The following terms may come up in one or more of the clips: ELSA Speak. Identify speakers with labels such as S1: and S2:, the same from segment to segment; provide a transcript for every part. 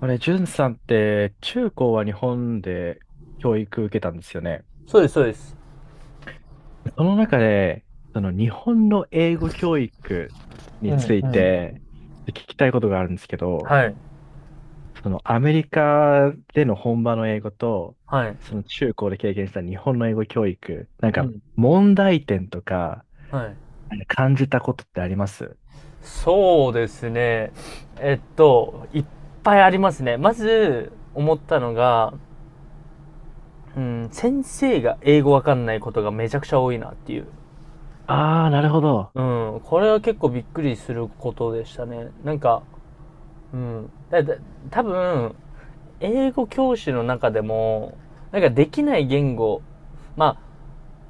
S1: あれ、んさんって中高は日本で教育受けたんですよね。
S2: そうです、そうです。
S1: その中で、その日本の英語教育に
S2: う
S1: つ
S2: ん
S1: い
S2: うん。
S1: て聞きたいことがあるんですけど、
S2: はい。
S1: そのアメリカでの本場の英語と、
S2: はい。
S1: その中高で経験した日本の英語教育、なん
S2: う
S1: か
S2: ん。
S1: 問題点とか
S2: はい。
S1: なんか感じたことってあります。
S2: そうですね。いっぱいありますね。まず、思ったのが、うん、先生が英語わかんないことがめちゃくちゃ多いなっていう。
S1: ああー、なるほど。
S2: うん、これは結構びっくりすることでしたね。なんか、うん。多分、英語教師の中でも、なんかできない言語、まあ、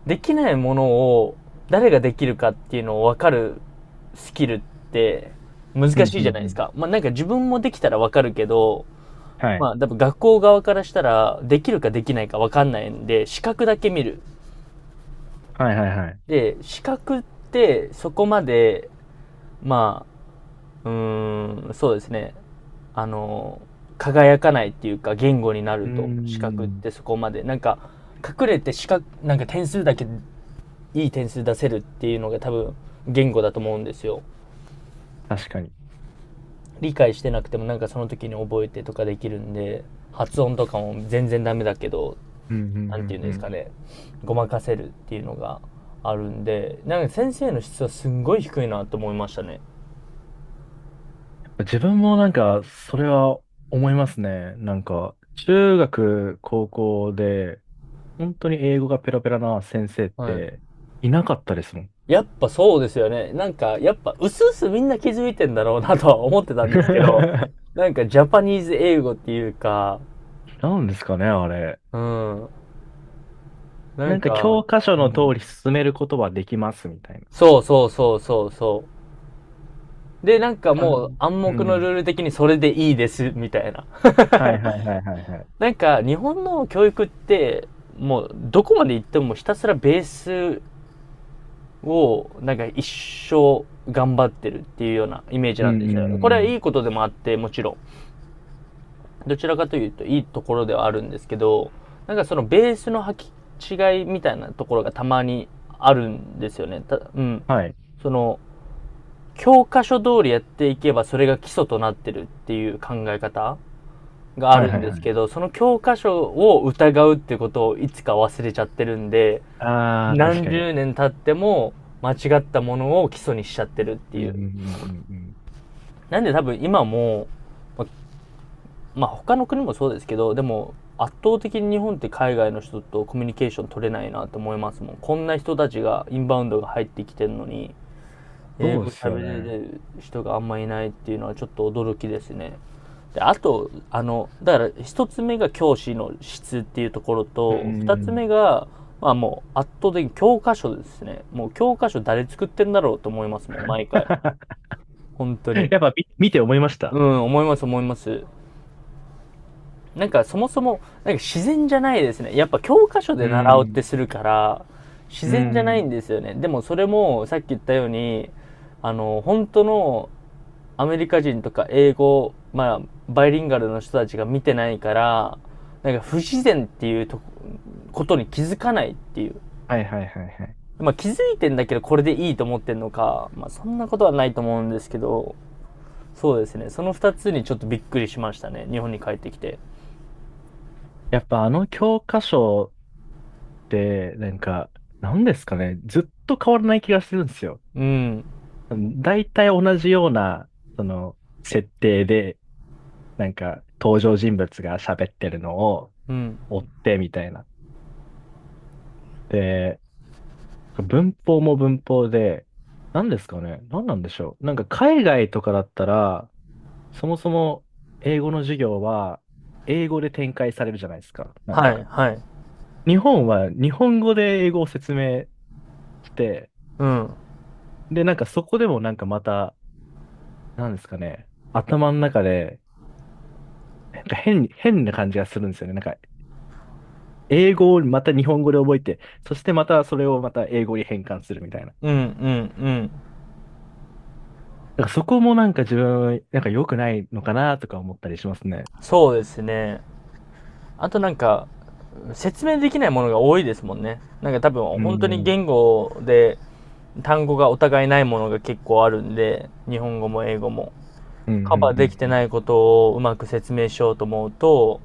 S2: できないものを誰ができるかっていうのを分かるスキルって難
S1: うん、
S2: しい
S1: う
S2: じゃな
S1: ん、
S2: い
S1: う
S2: です
S1: ん。
S2: か。まあなんか自分もできたら分かるけど、
S1: はい。
S2: まあ多分学校側からしたらできるかできないか分かんないんで、資格だけ見る。
S1: はい、はい、はい。
S2: で、資格ってそこまで、まあ、そうですね。あの、輝かないっていうか言語にな
S1: う
S2: る
S1: ー
S2: と、資格っ
S1: ん、
S2: てそこまで。なんか、隠れて資格、なんか点数だけいい点数出せるっていうのが多分言語だと思うんですよ。
S1: 確かに。
S2: 理解してなくてもなんかその時に覚えてとかできるんで、発音とかも全然ダメだけど、
S1: うん、う
S2: なんて言
S1: ん、
S2: うん
S1: う
S2: で
S1: ん、う
S2: すか
S1: ん。
S2: ね、ごまかせるっていうのがあるんで、なんか先生の質はすんごい低いなと思いましたね。
S1: 自分もなんか、それは思いますね。なんか、中学、高校で、本当に英語がペラペラな先生っ
S2: はい。
S1: ていなかったですもん。
S2: やっぱそうですよね。なんかやっぱうすうすみんな気づいてんだろうなとは思ってたんですけど、 なんかジャパニーズ英語っていうか。
S1: なんですかね、あれ。
S2: うん。な
S1: な
S2: ん
S1: んか教
S2: か、
S1: 科書の通り進めることはできますみたいな。
S2: そうそうそうそうそう。で、なんか
S1: か
S2: もう暗
S1: う
S2: 黙の
S1: ん。
S2: ルール的にそれでいいです、みたいな。
S1: はいはいはいはいはい。
S2: なんか日本の教育って、もうどこまで行ってもひたすらベースをなんか一生頑張ってるっていうようなイメージ
S1: う
S2: な
S1: ん
S2: んです
S1: うん
S2: よ。
S1: う
S2: これ
S1: ん
S2: は
S1: う
S2: い
S1: ん。
S2: いことでもあって、もちろん。どちらかというといいところではあるんですけど、なんかそのベースの履き違いみたいなところがたまにあるんですよね。たうん。
S1: はい。
S2: その、教科書通りやっていけばそれが基礎となってるっていう考え方があ
S1: はい
S2: る
S1: は
S2: ん
S1: い
S2: で
S1: は
S2: す
S1: い。
S2: けど、その教科書を疑うっていうことをいつか忘れちゃってるんで、
S1: ああ、確か
S2: 何
S1: に。
S2: 十年経っても間違ったものを基礎にしちゃってるって
S1: う
S2: い
S1: んうん
S2: う。
S1: うんうんうん。
S2: なんで多分今も、ままあ他の国もそうですけど、でも圧倒的に日本って海外の人とコミュニケーション取れないなと思いますもん。こんな人たちがインバウンドが入ってきてるのに、英
S1: そう
S2: 語
S1: です
S2: 喋
S1: よ
S2: れ
S1: ね。
S2: る人があんまいないっていうのはちょっと驚きですね。であと、だから一つ目が教師の質っていうところ
S1: うんう
S2: と、二
S1: んう
S2: つ目
S1: ん。
S2: が、まあもう圧倒的に教科書ですね。もう教科書誰作ってんだろうと思いますもん、毎回。本当に。
S1: やっぱ見て思いました。
S2: うん、思います思います。なんかそもそも、なんか自然じゃないですね。やっぱ教科書
S1: う
S2: で習おうっ
S1: ん。
S2: てするから、自
S1: うー
S2: 然じゃない
S1: ん。
S2: んですよね。でもそれもさっき言ったように、本当のアメリカ人とか英語、まあ、バイリンガルの人たちが見てないから、なんか不自然っていうとことに気づかないっていう。
S1: はいはいはいはい。
S2: まあ気づいてんだけどこれでいいと思ってんのか、まあそんなことはないと思うんですけど、そうですね。その二つにちょっとびっくりしましたね。日本に帰ってきて。
S1: やっぱあの教科書って、なんか、なんですかね。ずっと変わらない気がするんですよ。
S2: うん。
S1: 大体同じような、その、設定で、なんか、登場人物が喋ってるのを
S2: うん。
S1: 追ってみたいな。で、文法も文法で、なんですかね。なんなんでしょう。なんか海外とかだったら、そもそも英語の授業は英語で展開されるじゃないですか。なん
S2: は
S1: か
S2: い、はい。
S1: 日本は日本語で英語を説明して、
S2: うん。
S1: で、なんかそこでもなんかまた、なんですかね、頭の中で、なんか変に、変な感じがするんですよね。なんか、英語をまた日本語で覚えて、そしてまたそれをまた英語に変換するみたいな。
S2: うん、うん、うん。
S1: だからそこもなんか自分、なんか良くないのかなとか思ったりしますね。
S2: そうですね。あとなんか、説明できないものが多いですもんね。なんか多分、
S1: う
S2: 本当
S1: ん、う
S2: に
S1: ん、
S2: 言語で単語がお互いないものが結構あるんで、日本語も英語も。
S1: うん、
S2: カバー
S1: う
S2: できて
S1: ん、
S2: ないことをうまく説明しようと思うと、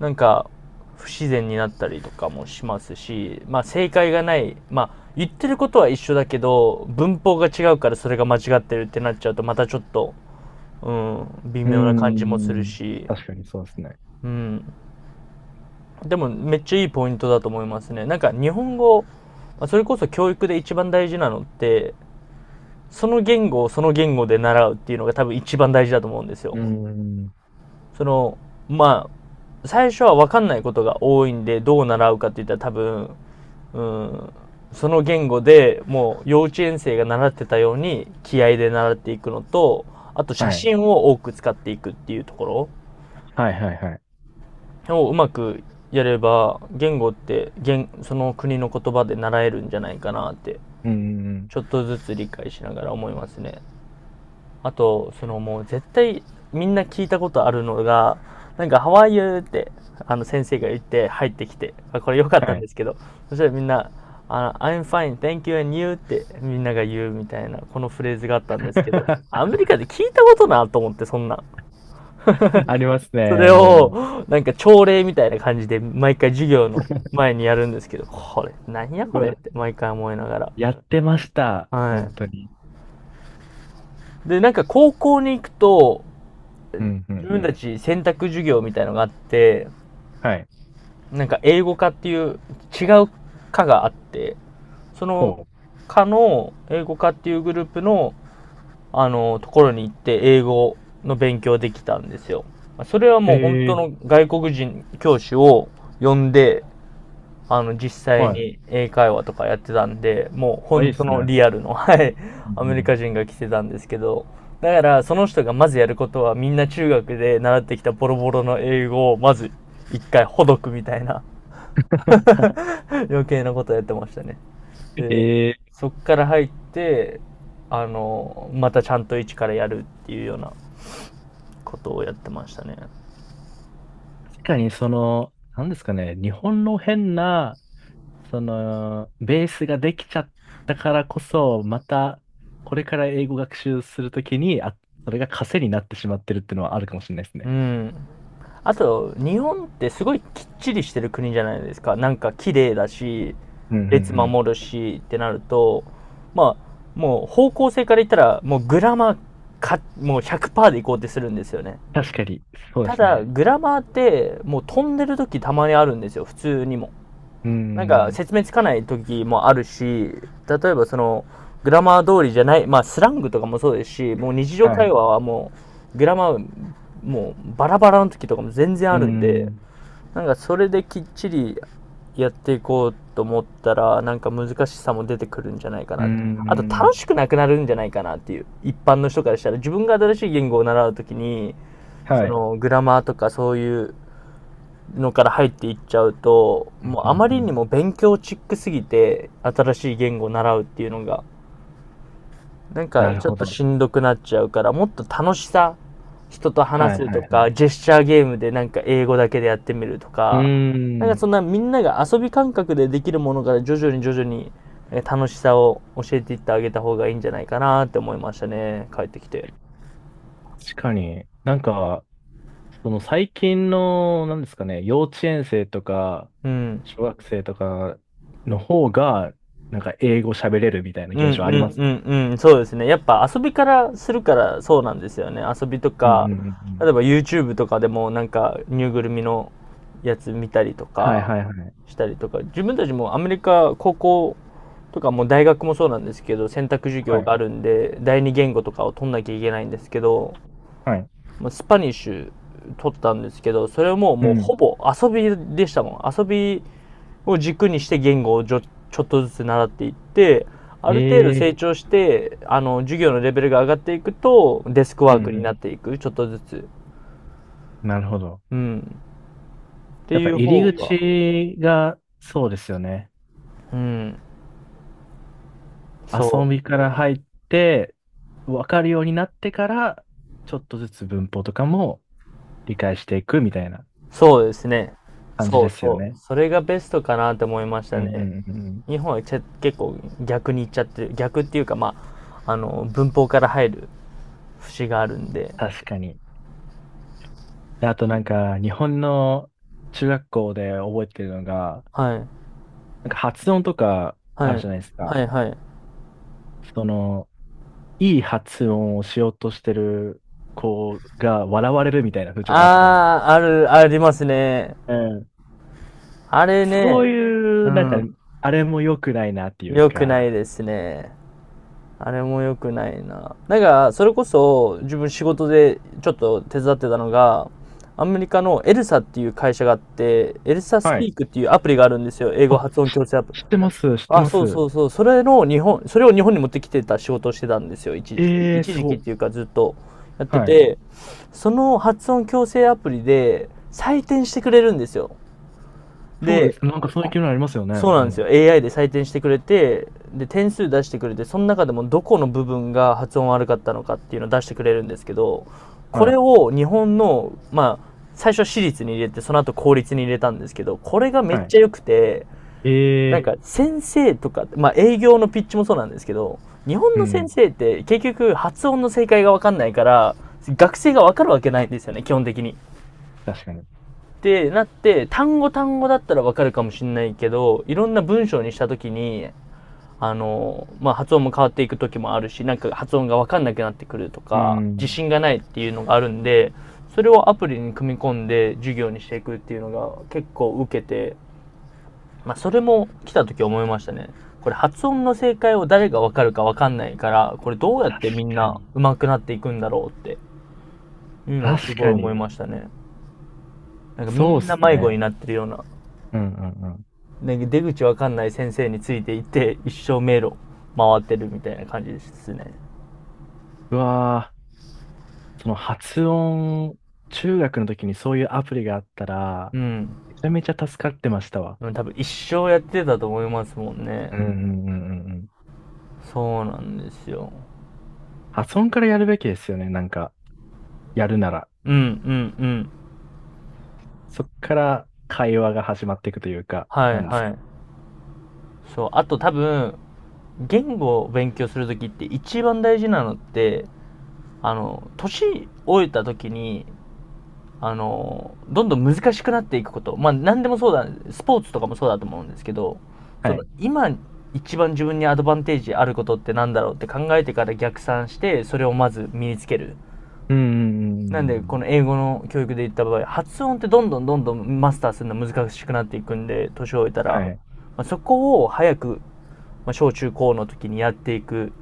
S2: なんか、不自然になったりとかもしますし、まあ正解がない、まあ言ってることは一緒だけど、文法が違うからそれが間違ってるってなっちゃうとまたちょっと、うん、微
S1: う
S2: 妙な感じ
S1: ん。
S2: もす
S1: う
S2: る
S1: ん、
S2: し、
S1: 確かにそうですね。
S2: うん。でもめっちゃいいポイントだと思いますね。なんか日本語、それこそ教育で一番大事なのって、その言語をその言語で習うっていうのが多分一番大事だと思うんですよ。
S1: うん、
S2: その、まあ、最初は分かんないことが多いんで、どう習うかって言ったら多分、うん、その言語でもう幼稚園生が習ってたように気合で習っていくのと、あと写
S1: はい。
S2: 真を多く使っていくっていうところ。
S1: はい、はい、はい。
S2: をうまくやれば言語って言その国の言葉で習えるんじゃないかなって、
S1: うん、
S2: ちょっとずつ理解しながら思いますね。あとそのもう絶対みんな聞いたことあるのが、なんか「ハワイ o u」 って先生が言って入ってきて、あ、これ良かっ
S1: は
S2: たん
S1: い。
S2: ですけど、そしたらみんな「あ I'm fine thank you and you」ってみんなが言うみたいな、このフレーズがあったんですけど、 アメリカで聞いたことなと思って。そんな
S1: あります
S2: そ
S1: ね、
S2: れ
S1: も
S2: を、なんか朝礼みたいな感じで、毎回授業の
S1: う。
S2: 前にやるんですけど、これ、何や
S1: う
S2: これっ
S1: わ、
S2: て毎回思いながら。
S1: やってました。
S2: は
S1: 本
S2: い。
S1: 当に。
S2: で、なんか高校に行くと、
S1: うん、う
S2: 自
S1: ん、う
S2: 分た
S1: ん。
S2: ち選択授業みたいのがあって、
S1: はい。
S2: なんか英語科っていう違う科があって、そ
S1: ほ
S2: の科の英語科っていうグループの、ところに行って英語の勉強できたんですよ。それはもう本当
S1: うえ
S2: の
S1: え
S2: 外国人教師を呼んで、実際
S1: はい。
S2: に英会話とかやってたんで、もう
S1: あ、い
S2: 本
S1: いで
S2: 当
S1: す
S2: の
S1: ね。
S2: リアルの、はい、
S1: う
S2: ア
S1: んう
S2: メリ
S1: ん。
S2: カ人が来てたんですけど、だからその人がまずやることはみんな中学で習ってきたボロボロの英語をまず一回ほどくみたいな。 余計なことやってましたね。で、
S1: ええ
S2: そっから入って、またちゃんと一からやるっていうようなことをやってましたね。
S1: 確かにその、なんですかね、日本の変な、その、ベースができちゃったからこそ、また、これから英語学習するときに、あ、それが枷になってしまってるっていうのはあるかもしれないです
S2: う
S1: ね。
S2: ん。あと、日本ってすごいきっちりしてる国じゃないですか。なんか綺麗だし、
S1: うん、うん、う
S2: 列
S1: ん。
S2: 守るしってなると、まあ、もう方向性から言ったら、もうグラマーか、もう100%でいこうってするんですよね。
S1: 確かに、そうで
S2: た
S1: す
S2: だ、
S1: ね。
S2: グラマーって、もう飛んでる時たまにあるんですよ、普通にも。
S1: うー
S2: なんか
S1: ん。
S2: 説明つかない時もあるし、例えばその、グラマー通りじゃない、まあスラングとかもそうですし、もう日常
S1: はい。
S2: 会
S1: う
S2: 話はもう、グラマー、もうバラバラの時とかも全然
S1: ー
S2: あるんで、
S1: ん。
S2: なんかそれできっちりやっていこうと思ったら、なんか難しさも出てくるんじゃないか
S1: うー
S2: なと。あと楽
S1: ん。
S2: しくなくなるんじゃないかなっていう。一般の人からしたら、自分が新しい言語を習うときに、そ
S1: はい。
S2: のグラマーとかそういうのから入っていっちゃうと、もう
S1: うんう
S2: あ
S1: ん
S2: ま
S1: う
S2: り
S1: ん、
S2: にも勉強チックすぎて、新しい言語を習うっていうのが、なん
S1: な
S2: か
S1: る
S2: ちょっ
S1: ほ
S2: と
S1: ど。
S2: しんどくなっちゃうから、もっと楽しさ、人と
S1: は
S2: 話
S1: い
S2: す
S1: はい
S2: と
S1: はい。
S2: か、ジェスチャーゲームでなんか英語だけでやってみると
S1: うー
S2: か、なんかそ
S1: ん。
S2: んなみんなが遊び感覚でできるものから徐々に徐々に楽しさを教えていってあげた方がいいんじゃないかなって思いましたね、帰ってきて。
S1: 確かに。なんか、その最近の、なんですかね、幼稚園生とか、
S2: うん。
S1: 小学生とかの方が、なんか英語喋れるみたいな
S2: うんう
S1: 現象ありま
S2: ん
S1: す
S2: う
S1: も
S2: んうん、そうですね。やっぱ遊びからするからそうなんですよね。遊びと
S1: ん。うんう
S2: か、
S1: んうんうん。
S2: 例えば YouTube とかでもなんかぬいぐるみのやつ見たりと
S1: はい
S2: か、
S1: はいはい。
S2: したりとか、自分たちもアメリカ、高校とかもう大学もそうなんですけど、選択授
S1: は
S2: 業が
S1: い。
S2: あるんで第二言語とかを取んなきゃいけないんですけど、
S1: はい。
S2: まあスパニッシュ取ったんですけど、それはもう
S1: うん。
S2: ほぼ遊びでしたもん。遊びを軸にして言語をちょっとずつ習っていって、ある程度
S1: ええ、
S2: 成長してあの授業のレベルが上がっていくとデスク
S1: う
S2: ワー
S1: ん
S2: クにな
S1: う
S2: っていく、ちょっとずつ、
S1: ん。なるほど。
S2: うん、って
S1: やっぱ
S2: いう
S1: 入
S2: 方
S1: り
S2: が、
S1: 口が、そうですよね。
S2: うん、そ
S1: 遊
S2: う
S1: びから入って、わかるようになってから、ちょっとずつ文法とかも、理解していくみたいな
S2: そうですね。
S1: 感じ
S2: そ
S1: で
S2: う
S1: すよ
S2: そう。
S1: ね。
S2: それがベストかなって思いまし
S1: う
S2: た
S1: ん
S2: ね。
S1: うんうん。
S2: 日本は結構逆にいっちゃってる。逆っていうか、まあ、文法から入る節があるんで。
S1: 確かに。であとなんか、日本の中学校で覚えてるのが、
S2: はい。
S1: なんか発音とかあ
S2: は
S1: る
S2: い。
S1: じゃないです
S2: は
S1: か。
S2: い、はい。
S1: その、いい発音をしようとしてる子が笑われるみたいな風潮があったんです。
S2: ああ、ある、ありますね。
S1: うん。
S2: あれ
S1: そ
S2: ね、
S1: うい
S2: う
S1: う、なんか、
S2: ん、
S1: あれも良くないなっていう
S2: 良くな
S1: か、
S2: いですね。あれも良くないな。だから、それこそ自分仕事でちょっと手伝ってたのが、アメリカのエルサっていう会社があって、エルサス
S1: は
S2: ピ
S1: い。
S2: ークっていうアプリがあるんですよ。英語
S1: あ、
S2: 発音矯正アプリ。
S1: 知ってます、知って
S2: あ、
S1: ま
S2: そう
S1: す。
S2: そうそう。それの日本、それを日本に持ってきてた仕事をしてたんですよ。一時期。
S1: ええー、
S2: 一
S1: す
S2: 時期っ
S1: ご。
S2: ていうかずっとやって
S1: はい。
S2: て、その発音矯正アプリで採点してくれるんですよ。
S1: そうで
S2: で、
S1: す。なんかそういう機能ありますよね。
S2: そう
S1: う
S2: なんですよ。
S1: ん。
S2: AI で採点してくれて、で、点数出してくれて、その中でもどこの部分が発音悪かったのかっていうのを出してくれるんですけど、こ
S1: は
S2: れ
S1: い。
S2: を日本の、まあ、最初は私立に入れて、その後公立に入れたんですけど、これがめっ
S1: はい。
S2: ちゃ良くて、
S1: え
S2: なん
S1: え、
S2: か先生とか、まあ営業のピッチもそうなんですけど、日本
S1: う
S2: の先
S1: ん。
S2: 生って結局発音の正解がわかんないから、学生がわかるわけないんですよね、基本的に。っ
S1: 確かに。
S2: てなって、単語単語だったらわかるかもしれないけど、いろんな文章にしたときに、まあ、発音も変わっていく時もあるし、なんか発音がわかんなくなってくると
S1: う
S2: か、自
S1: ん。
S2: 信がないっていうのがあるんで、それをアプリに組み込んで授業にしていくっていうのが結構受けて、まあ、それも来た時思いましたね。これ発音の正解を誰がわかるかわかんないから、これどうやっ
S1: 確
S2: てみん
S1: か
S2: な
S1: に。
S2: 上手くなっていくんだろうっていうのをす
S1: 確
S2: ごい
S1: か
S2: 思
S1: に。
S2: いましたね。なんかみ
S1: そうっ
S2: んな
S1: す
S2: 迷子
S1: ね。
S2: になってるような、
S1: うんうんうん。
S2: なんか出口わかんない先生についていって、一生迷路回ってるみたいな感じですね。
S1: うわー、その発音、中学の時にそういうアプリがあったら、
S2: うん。
S1: めちゃめちゃ助かってましたわ。
S2: 多分一生やってたと思いますもん
S1: う
S2: ね。
S1: んうんうんうんうん。
S2: そうなんですよ。
S1: 発音からやるべきですよね。なんか、やるなら。
S2: うんうんうん。
S1: そっから会話が始まっていくというか、
S2: は
S1: な
S2: い
S1: んです
S2: は
S1: か。
S2: い。そう。あと多分、言語を勉強するときって一番大事なのって、年老いたときに、どんどん難しくなっていくこと。まあ何でもそうだ、スポーツとかもそうだと思うんですけど、そ
S1: は
S2: の
S1: い。
S2: 今一番自分にアドバンテージあることってなんだろうって考えてから逆算して、それをまず身につける。
S1: うんうんうん
S2: な
S1: うん
S2: ん
S1: う
S2: で、こ
S1: ん。
S2: の英語の教育で言った場合、発音ってどんどんどんどんマスターするの難しくなっていくんで、年を置いたら、
S1: はい。
S2: まあ、そこを早く、まあ、小中高の時にやっていく。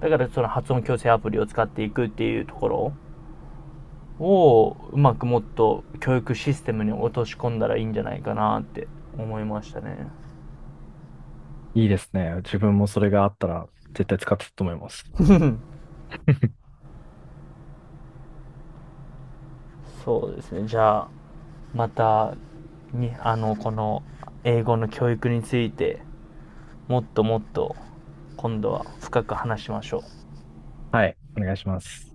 S2: だからその発音矯正アプリを使っていくっていうところを、うまくもっと教育システムに落とし込んだらいいんじゃないかなって思いましたね。
S1: いいですね。自分もそれがあったら、絶対使ってたと思います。
S2: そうですね。じゃあ、また、に、あの、この英語の教育についてもっともっと今度は深く話しましょう。
S1: はい。お願いします。